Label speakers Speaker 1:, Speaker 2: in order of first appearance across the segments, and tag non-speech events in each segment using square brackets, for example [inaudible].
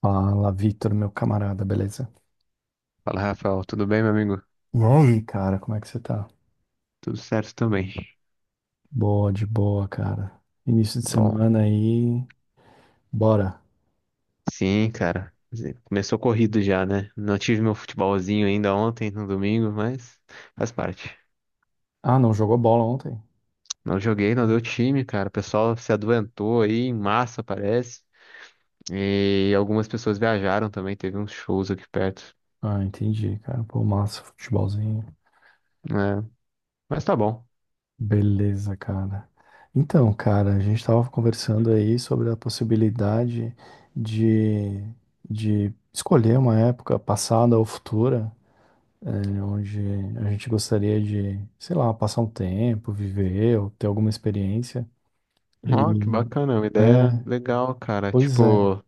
Speaker 1: Fala, Vitor, meu camarada, beleza?
Speaker 2: Fala, Rafael. Tudo bem, meu amigo?
Speaker 1: E aí, cara, como é que você tá?
Speaker 2: Tudo certo também.
Speaker 1: Boa, de boa, cara. Início de
Speaker 2: Bom,
Speaker 1: semana aí, bora.
Speaker 2: sim, cara. Quer dizer, começou corrido já, né? Não tive meu futebolzinho ainda ontem, no domingo, mas faz parte.
Speaker 1: Ah, não jogou bola ontem?
Speaker 2: Não joguei, não deu time, cara. O pessoal se adoentou aí em massa, parece. E algumas pessoas viajaram também. Teve uns shows aqui perto,
Speaker 1: Ah, entendi, cara. Pô, massa, futebolzinho.
Speaker 2: né? Mas tá bom.
Speaker 1: Beleza, cara. Então, cara, a gente tava conversando aí sobre a possibilidade de, de escolher uma época passada ou futura, onde a gente gostaria de, sei lá, passar um tempo, viver ou ter alguma experiência.
Speaker 2: Ó, que
Speaker 1: E
Speaker 2: bacana. Uma ideia
Speaker 1: é,
Speaker 2: legal, cara.
Speaker 1: pois é.
Speaker 2: Tipo,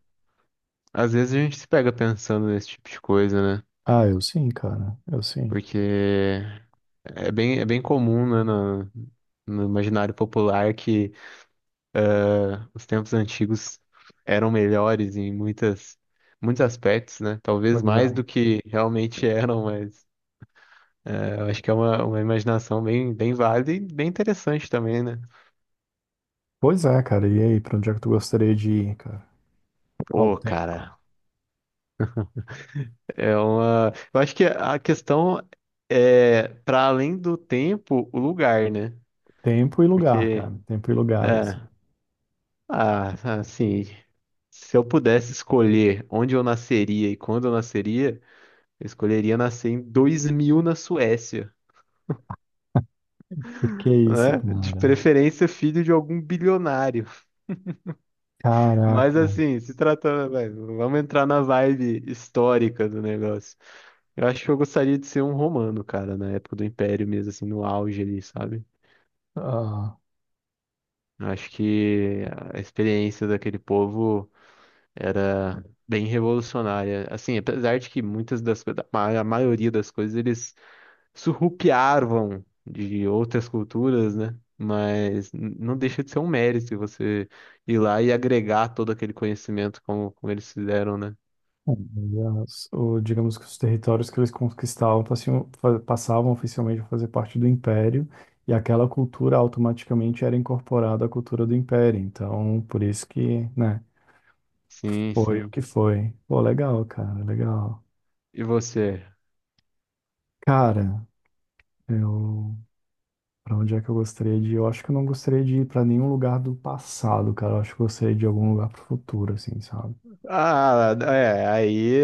Speaker 2: às vezes a gente se pega pensando nesse tipo de coisa, né?
Speaker 1: Ah, eu sim, cara. Eu sim.
Speaker 2: Porque. É bem comum, né, no imaginário popular que os tempos antigos eram melhores em muitas, muitos aspectos, né? Talvez
Speaker 1: Pois
Speaker 2: mais
Speaker 1: é.
Speaker 2: do que realmente eram, mas é, eu acho que é uma imaginação bem, bem válida e bem interessante também, né?
Speaker 1: Pois é, cara. E aí, pra onde é que tu gostaria de ir, cara? Qual
Speaker 2: Pô,
Speaker 1: tempo?
Speaker 2: cara, é uma. Eu acho que a questão é para além do tempo, o lugar, né?
Speaker 1: Tempo e lugar,
Speaker 2: Porque.
Speaker 1: cara. Tempo e lugar, assim.
Speaker 2: É. Ah, assim, se eu pudesse escolher onde eu nasceria e quando eu nasceria, eu escolheria nascer em 2000 na Suécia,
Speaker 1: Por que isso,
Speaker 2: né? De
Speaker 1: cara?
Speaker 2: preferência filho de algum bilionário. Mas
Speaker 1: Caraca.
Speaker 2: assim, se tratando, vai, vamos entrar na vibe histórica do negócio. Eu acho que eu gostaria de ser um romano, cara, na época do Império mesmo, assim, no auge ali, sabe?
Speaker 1: Ah,
Speaker 2: Eu acho que a experiência daquele povo era bem revolucionária. Assim, apesar de que muitas a maioria das coisas eles surrupiavam de outras culturas, né? Mas não deixa de ser um mérito você ir lá e agregar todo aquele conhecimento como eles fizeram, né?
Speaker 1: aliás, digamos que os territórios que eles conquistavam passavam oficialmente a fazer parte do Império, e aquela cultura automaticamente era incorporada à cultura do Império. Então, por isso que, né?
Speaker 2: Sim,
Speaker 1: Foi o
Speaker 2: sim.
Speaker 1: que foi. Pô, legal.
Speaker 2: E você?
Speaker 1: Cara, eu. Pra onde é que eu gostaria de ir? Eu acho que eu não gostaria de ir pra nenhum lugar do passado, cara. Eu acho que eu gostaria de ir algum lugar pro futuro, assim, sabe?
Speaker 2: Ah, é, aí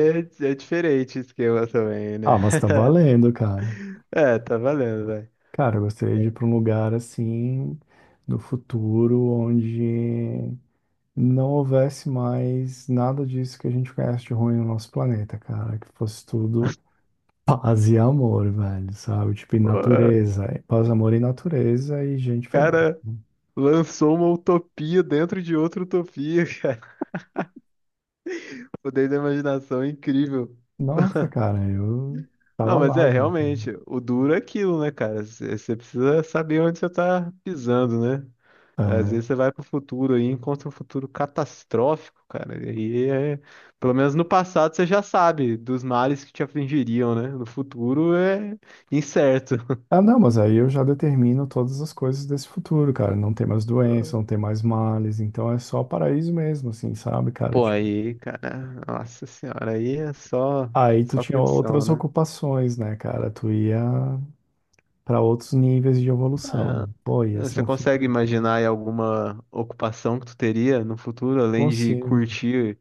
Speaker 2: é diferente o esquema também,
Speaker 1: Ah,
Speaker 2: né?
Speaker 1: mas tá
Speaker 2: [laughs]
Speaker 1: valendo, cara.
Speaker 2: É, tá valendo, velho.
Speaker 1: Cara, eu gostaria de ir pra um lugar, assim, no futuro, onde não houvesse mais nada disso que a gente conhece de ruim no nosso planeta, cara. Que fosse tudo. Paz e amor, velho, sabe? Tipo, e
Speaker 2: Pô, o
Speaker 1: natureza. É paz, amor e natureza e gente feliz.
Speaker 2: cara lançou uma utopia dentro de outra utopia. [laughs] Poder da imaginação é incrível.
Speaker 1: Nossa, cara, eu tava
Speaker 2: Não, mas
Speaker 1: lá
Speaker 2: é,
Speaker 1: já.
Speaker 2: realmente, o duro é aquilo, né, cara? Você precisa saber onde você tá pisando, né? Às vezes
Speaker 1: É.
Speaker 2: você vai pro futuro aí, e encontra um futuro catastrófico, cara. E aí é, pelo menos no passado você já sabe dos males que te afligiriam, né? No futuro é incerto.
Speaker 1: Ah, não, mas aí eu já determino todas as coisas desse futuro, cara. Não tem mais doença, não tem mais males, então é só paraíso mesmo, assim, sabe, cara?
Speaker 2: Pô,
Speaker 1: Tipo,
Speaker 2: aí, cara, nossa senhora, aí é só,
Speaker 1: aí tu
Speaker 2: só
Speaker 1: tinha
Speaker 2: curtição,
Speaker 1: outras
Speaker 2: né?
Speaker 1: ocupações, né, cara? Tu ia pra outros níveis de evolução.
Speaker 2: Ah,
Speaker 1: Pô, ia ser
Speaker 2: você
Speaker 1: um
Speaker 2: consegue
Speaker 1: futuro.
Speaker 2: imaginar aí alguma ocupação que tu teria no futuro, além de
Speaker 1: Consigo.
Speaker 2: curtir,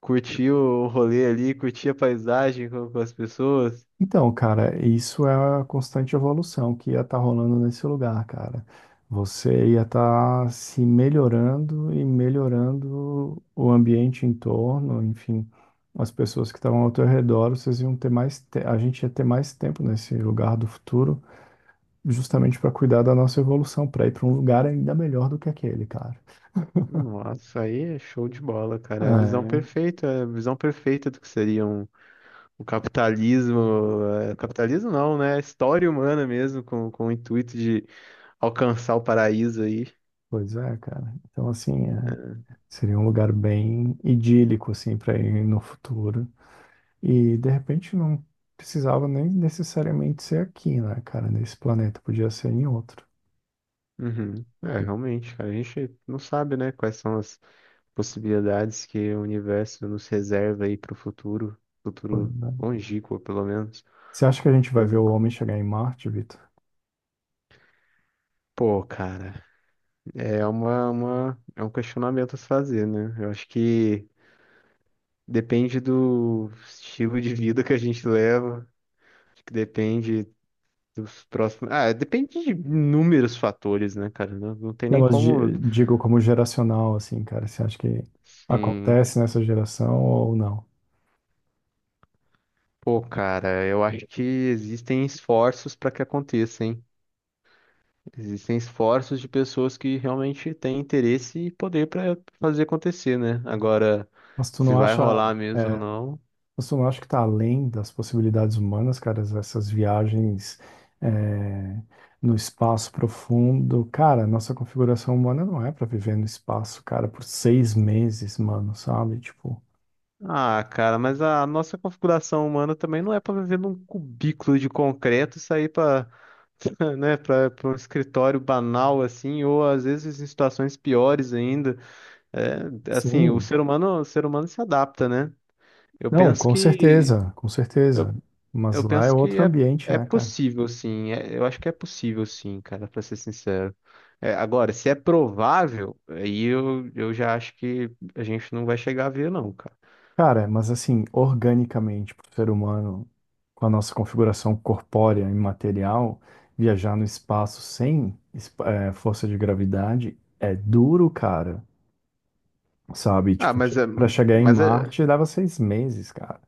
Speaker 2: curtir o rolê ali, curtir a paisagem com as pessoas?
Speaker 1: Então, cara, isso é a constante evolução que ia estar rolando nesse lugar, cara. Você ia estar se melhorando e melhorando o ambiente em torno, enfim, as pessoas que estavam ao teu redor, vocês iam ter mais, a gente ia ter mais tempo nesse lugar do futuro, justamente para cuidar da nossa evolução, para ir para um lugar ainda melhor do que aquele, cara.
Speaker 2: Nossa, aí é show de bola, cara. É a visão
Speaker 1: É,
Speaker 2: perfeita, é a visão perfeita do que seria o capitalismo. É, capitalismo não, né? A História humana mesmo, com o intuito de alcançar o paraíso aí.
Speaker 1: pois é, cara. Então, assim, é, seria um lugar bem idílico, assim, para ir no futuro. E de repente não precisava nem necessariamente ser aqui, né, cara? Nesse planeta, podia ser em outro.
Speaker 2: Uhum. É, realmente, cara, a gente não sabe, né, quais são as possibilidades que o universo nos reserva aí pro futuro,
Speaker 1: Foi,
Speaker 2: futuro
Speaker 1: né?
Speaker 2: longínquo, pelo menos.
Speaker 1: Você acha que a gente vai ver
Speaker 2: Mas,
Speaker 1: o homem chegar em Marte, Vitor?
Speaker 2: pô, cara, é um questionamento a se fazer, né? Eu acho que depende do estilo de vida que a gente leva, acho que depende dos próximos. Ah, depende de inúmeros fatores, né, cara? Não, não tem
Speaker 1: Não,
Speaker 2: nem
Speaker 1: mas
Speaker 2: como.
Speaker 1: digo como geracional, assim, cara. Você acha que
Speaker 2: Sim.
Speaker 1: acontece nessa geração ou não?
Speaker 2: Pô, cara, eu acho que existem esforços para que aconteça, hein? Existem esforços de pessoas que realmente têm interesse e poder para fazer acontecer, né? Agora,
Speaker 1: Mas tu
Speaker 2: se
Speaker 1: não
Speaker 2: vai
Speaker 1: acha.
Speaker 2: rolar mesmo ou
Speaker 1: É,
Speaker 2: não.
Speaker 1: você não acha que está além das possibilidades humanas, cara, essas viagens é, no espaço profundo? Cara, nossa configuração humana não é para viver no espaço, cara, por seis meses, mano, sabe? Tipo,
Speaker 2: Ah, cara, mas a nossa configuração humana também não é para viver num cubículo de concreto e sair para, [laughs] né, para um escritório banal assim, ou às vezes em situações piores ainda. É, assim, o
Speaker 1: sim,
Speaker 2: ser humano, o ser humano se adapta, né? Eu
Speaker 1: não,
Speaker 2: penso
Speaker 1: com
Speaker 2: que
Speaker 1: certeza, com
Speaker 2: eu
Speaker 1: certeza. Mas
Speaker 2: Eu
Speaker 1: lá é
Speaker 2: penso que
Speaker 1: outro
Speaker 2: é,
Speaker 1: ambiente,
Speaker 2: é
Speaker 1: né, cara?
Speaker 2: possível, sim. Eu acho que é possível, sim, cara, pra ser sincero. É, agora, se é provável, aí eu já acho que a gente não vai chegar a ver, não, cara.
Speaker 1: Cara, mas assim, organicamente, para o ser humano, com a nossa configuração corpórea e material, viajar no espaço sem força de gravidade é duro, cara. Sabe?
Speaker 2: Ah,
Speaker 1: Tipo,
Speaker 2: mas, é-
Speaker 1: para chegar em
Speaker 2: mas, é-
Speaker 1: Marte dava seis meses, cara.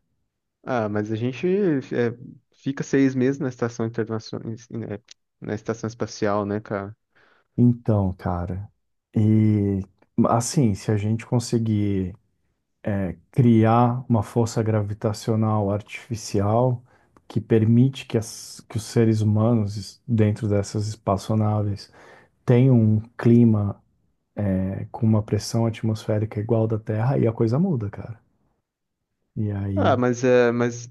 Speaker 2: mas a gente fica 6 meses na estação internacional, na estação espacial, né, cara?
Speaker 1: Então, cara, e assim, se a gente conseguir criar uma força gravitacional artificial que permite que os seres humanos, dentro dessas espaçonaves, tem um clima é, com uma pressão atmosférica igual da Terra, aí a coisa muda, cara. E aí.
Speaker 2: Mas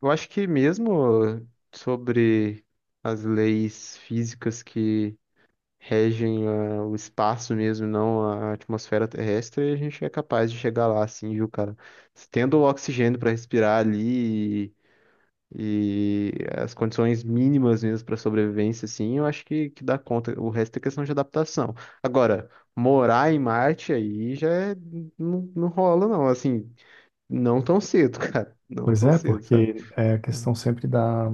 Speaker 2: eu acho que mesmo sobre as leis físicas que regem o espaço mesmo, não a atmosfera terrestre, e a gente é capaz de chegar lá, assim, viu, cara? Tendo o oxigênio para respirar ali e as condições mínimas mesmo para sobrevivência, assim, eu acho que dá conta. O resto é questão de adaptação. Agora, morar em Marte aí já não, não rola, não, assim, não tão cedo, [laughs] cara. Não
Speaker 1: Pois
Speaker 2: tão
Speaker 1: é,
Speaker 2: cedo, sabe?
Speaker 1: porque é a
Speaker 2: Ah,
Speaker 1: questão sempre da,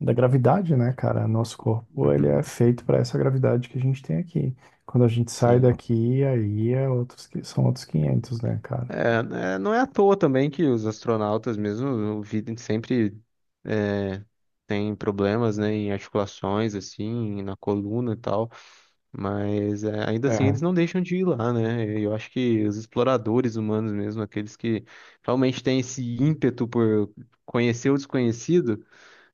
Speaker 1: da gravidade, né, cara? Nosso corpo, ele é
Speaker 2: uhum,
Speaker 1: feito para essa gravidade que a gente tem aqui. Quando a gente sai
Speaker 2: sim.
Speaker 1: daqui, aí é outros, são outros 500, né, cara?
Speaker 2: É, né, não é à toa também que os astronautas mesmo, o vida sempre tem problemas, né, em articulações, assim, na coluna e tal. Mas é, ainda assim
Speaker 1: É,
Speaker 2: eles não deixam de ir lá, né? Eu acho que os exploradores humanos mesmo, aqueles que realmente têm esse ímpeto por conhecer o desconhecido,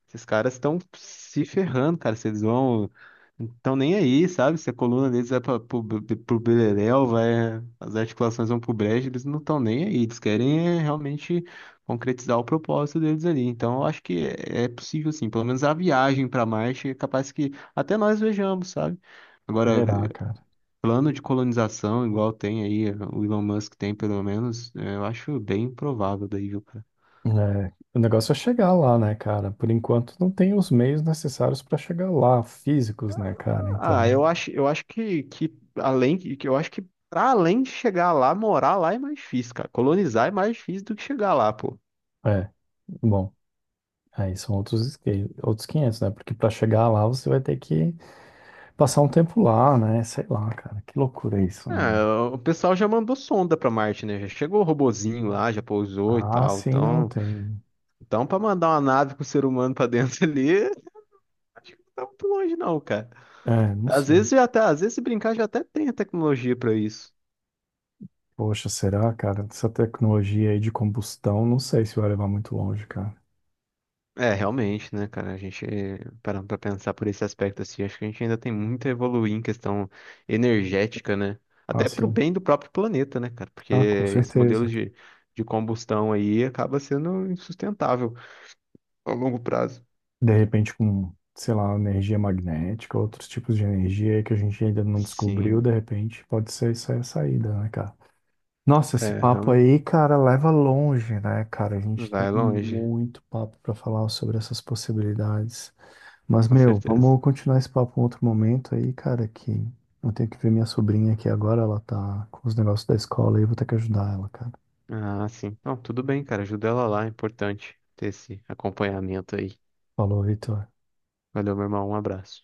Speaker 2: esses caras estão se ferrando, cara. Vocês vão. Estão nem aí, sabe? Se a coluna deles vai pro beleléu, vai, as articulações vão pro brejo, eles não estão nem aí. Eles querem é, realmente concretizar o propósito deles ali. Então, eu acho que é possível, sim. Pelo menos a viagem para Marte é capaz que até nós vejamos, sabe? Agora,
Speaker 1: será, cara?
Speaker 2: plano de colonização, igual tem aí, o Elon Musk tem, pelo menos, é, eu acho bem provável daí, viu.
Speaker 1: É, o negócio é chegar lá, né, cara? Por enquanto não tem os meios necessários para chegar lá, físicos, né, cara?
Speaker 2: Ah,
Speaker 1: Então,
Speaker 2: eu acho que para além de chegar lá, morar lá é mais difícil, cara. Colonizar é mais difícil do que chegar lá, pô.
Speaker 1: é. Bom. Aí são outros, outros 500, né? Porque para chegar lá você vai ter que passar um tempo lá, né? Sei lá, cara. Que loucura isso, né?
Speaker 2: Ah, o pessoal já mandou sonda pra Marte, né? Já chegou o robozinho lá, já pousou e
Speaker 1: Ah,
Speaker 2: tal.
Speaker 1: sim, não
Speaker 2: Então,
Speaker 1: tem.
Speaker 2: para mandar uma nave com o ser humano pra dentro [laughs] ali, acho que não tá muito longe não, cara.
Speaker 1: É, não
Speaker 2: Às
Speaker 1: sei.
Speaker 2: vezes já até, às vezes se brincar já até tem a tecnologia pra isso.
Speaker 1: Poxa, será, cara? Essa tecnologia aí de combustão, não sei se vai levar muito longe, cara.
Speaker 2: É, realmente, né, cara? A gente, parando pra pensar por esse aspecto, assim, acho que a gente ainda tem muito a evoluir em questão energética, né?
Speaker 1: Ah,
Speaker 2: Até pro
Speaker 1: sim.
Speaker 2: bem do próprio planeta, né, cara? Porque
Speaker 1: Ah, com
Speaker 2: esse modelo
Speaker 1: certeza.
Speaker 2: de combustão aí acaba sendo insustentável a longo prazo.
Speaker 1: De repente com, sei lá, energia magnética, outros tipos de energia aí que a gente ainda não descobriu, de
Speaker 2: Sim,
Speaker 1: repente pode ser isso aí a saída, né, cara? Nossa, esse
Speaker 2: é,
Speaker 1: papo
Speaker 2: realmente.
Speaker 1: aí, cara, leva longe, né, cara? A gente tem
Speaker 2: Vai longe,
Speaker 1: muito papo pra falar sobre essas possibilidades. Mas,
Speaker 2: com
Speaker 1: meu,
Speaker 2: certeza.
Speaker 1: vamos continuar esse papo em outro momento aí, cara, que eu tenho que ver minha sobrinha aqui agora, ela tá com os negócios da escola e eu vou ter que ajudar ela, cara.
Speaker 2: Ah, sim. Não, tudo bem, cara. Ajuda ela lá, é importante ter esse acompanhamento aí.
Speaker 1: Falou, Vitor.
Speaker 2: Valeu, meu irmão. Um abraço.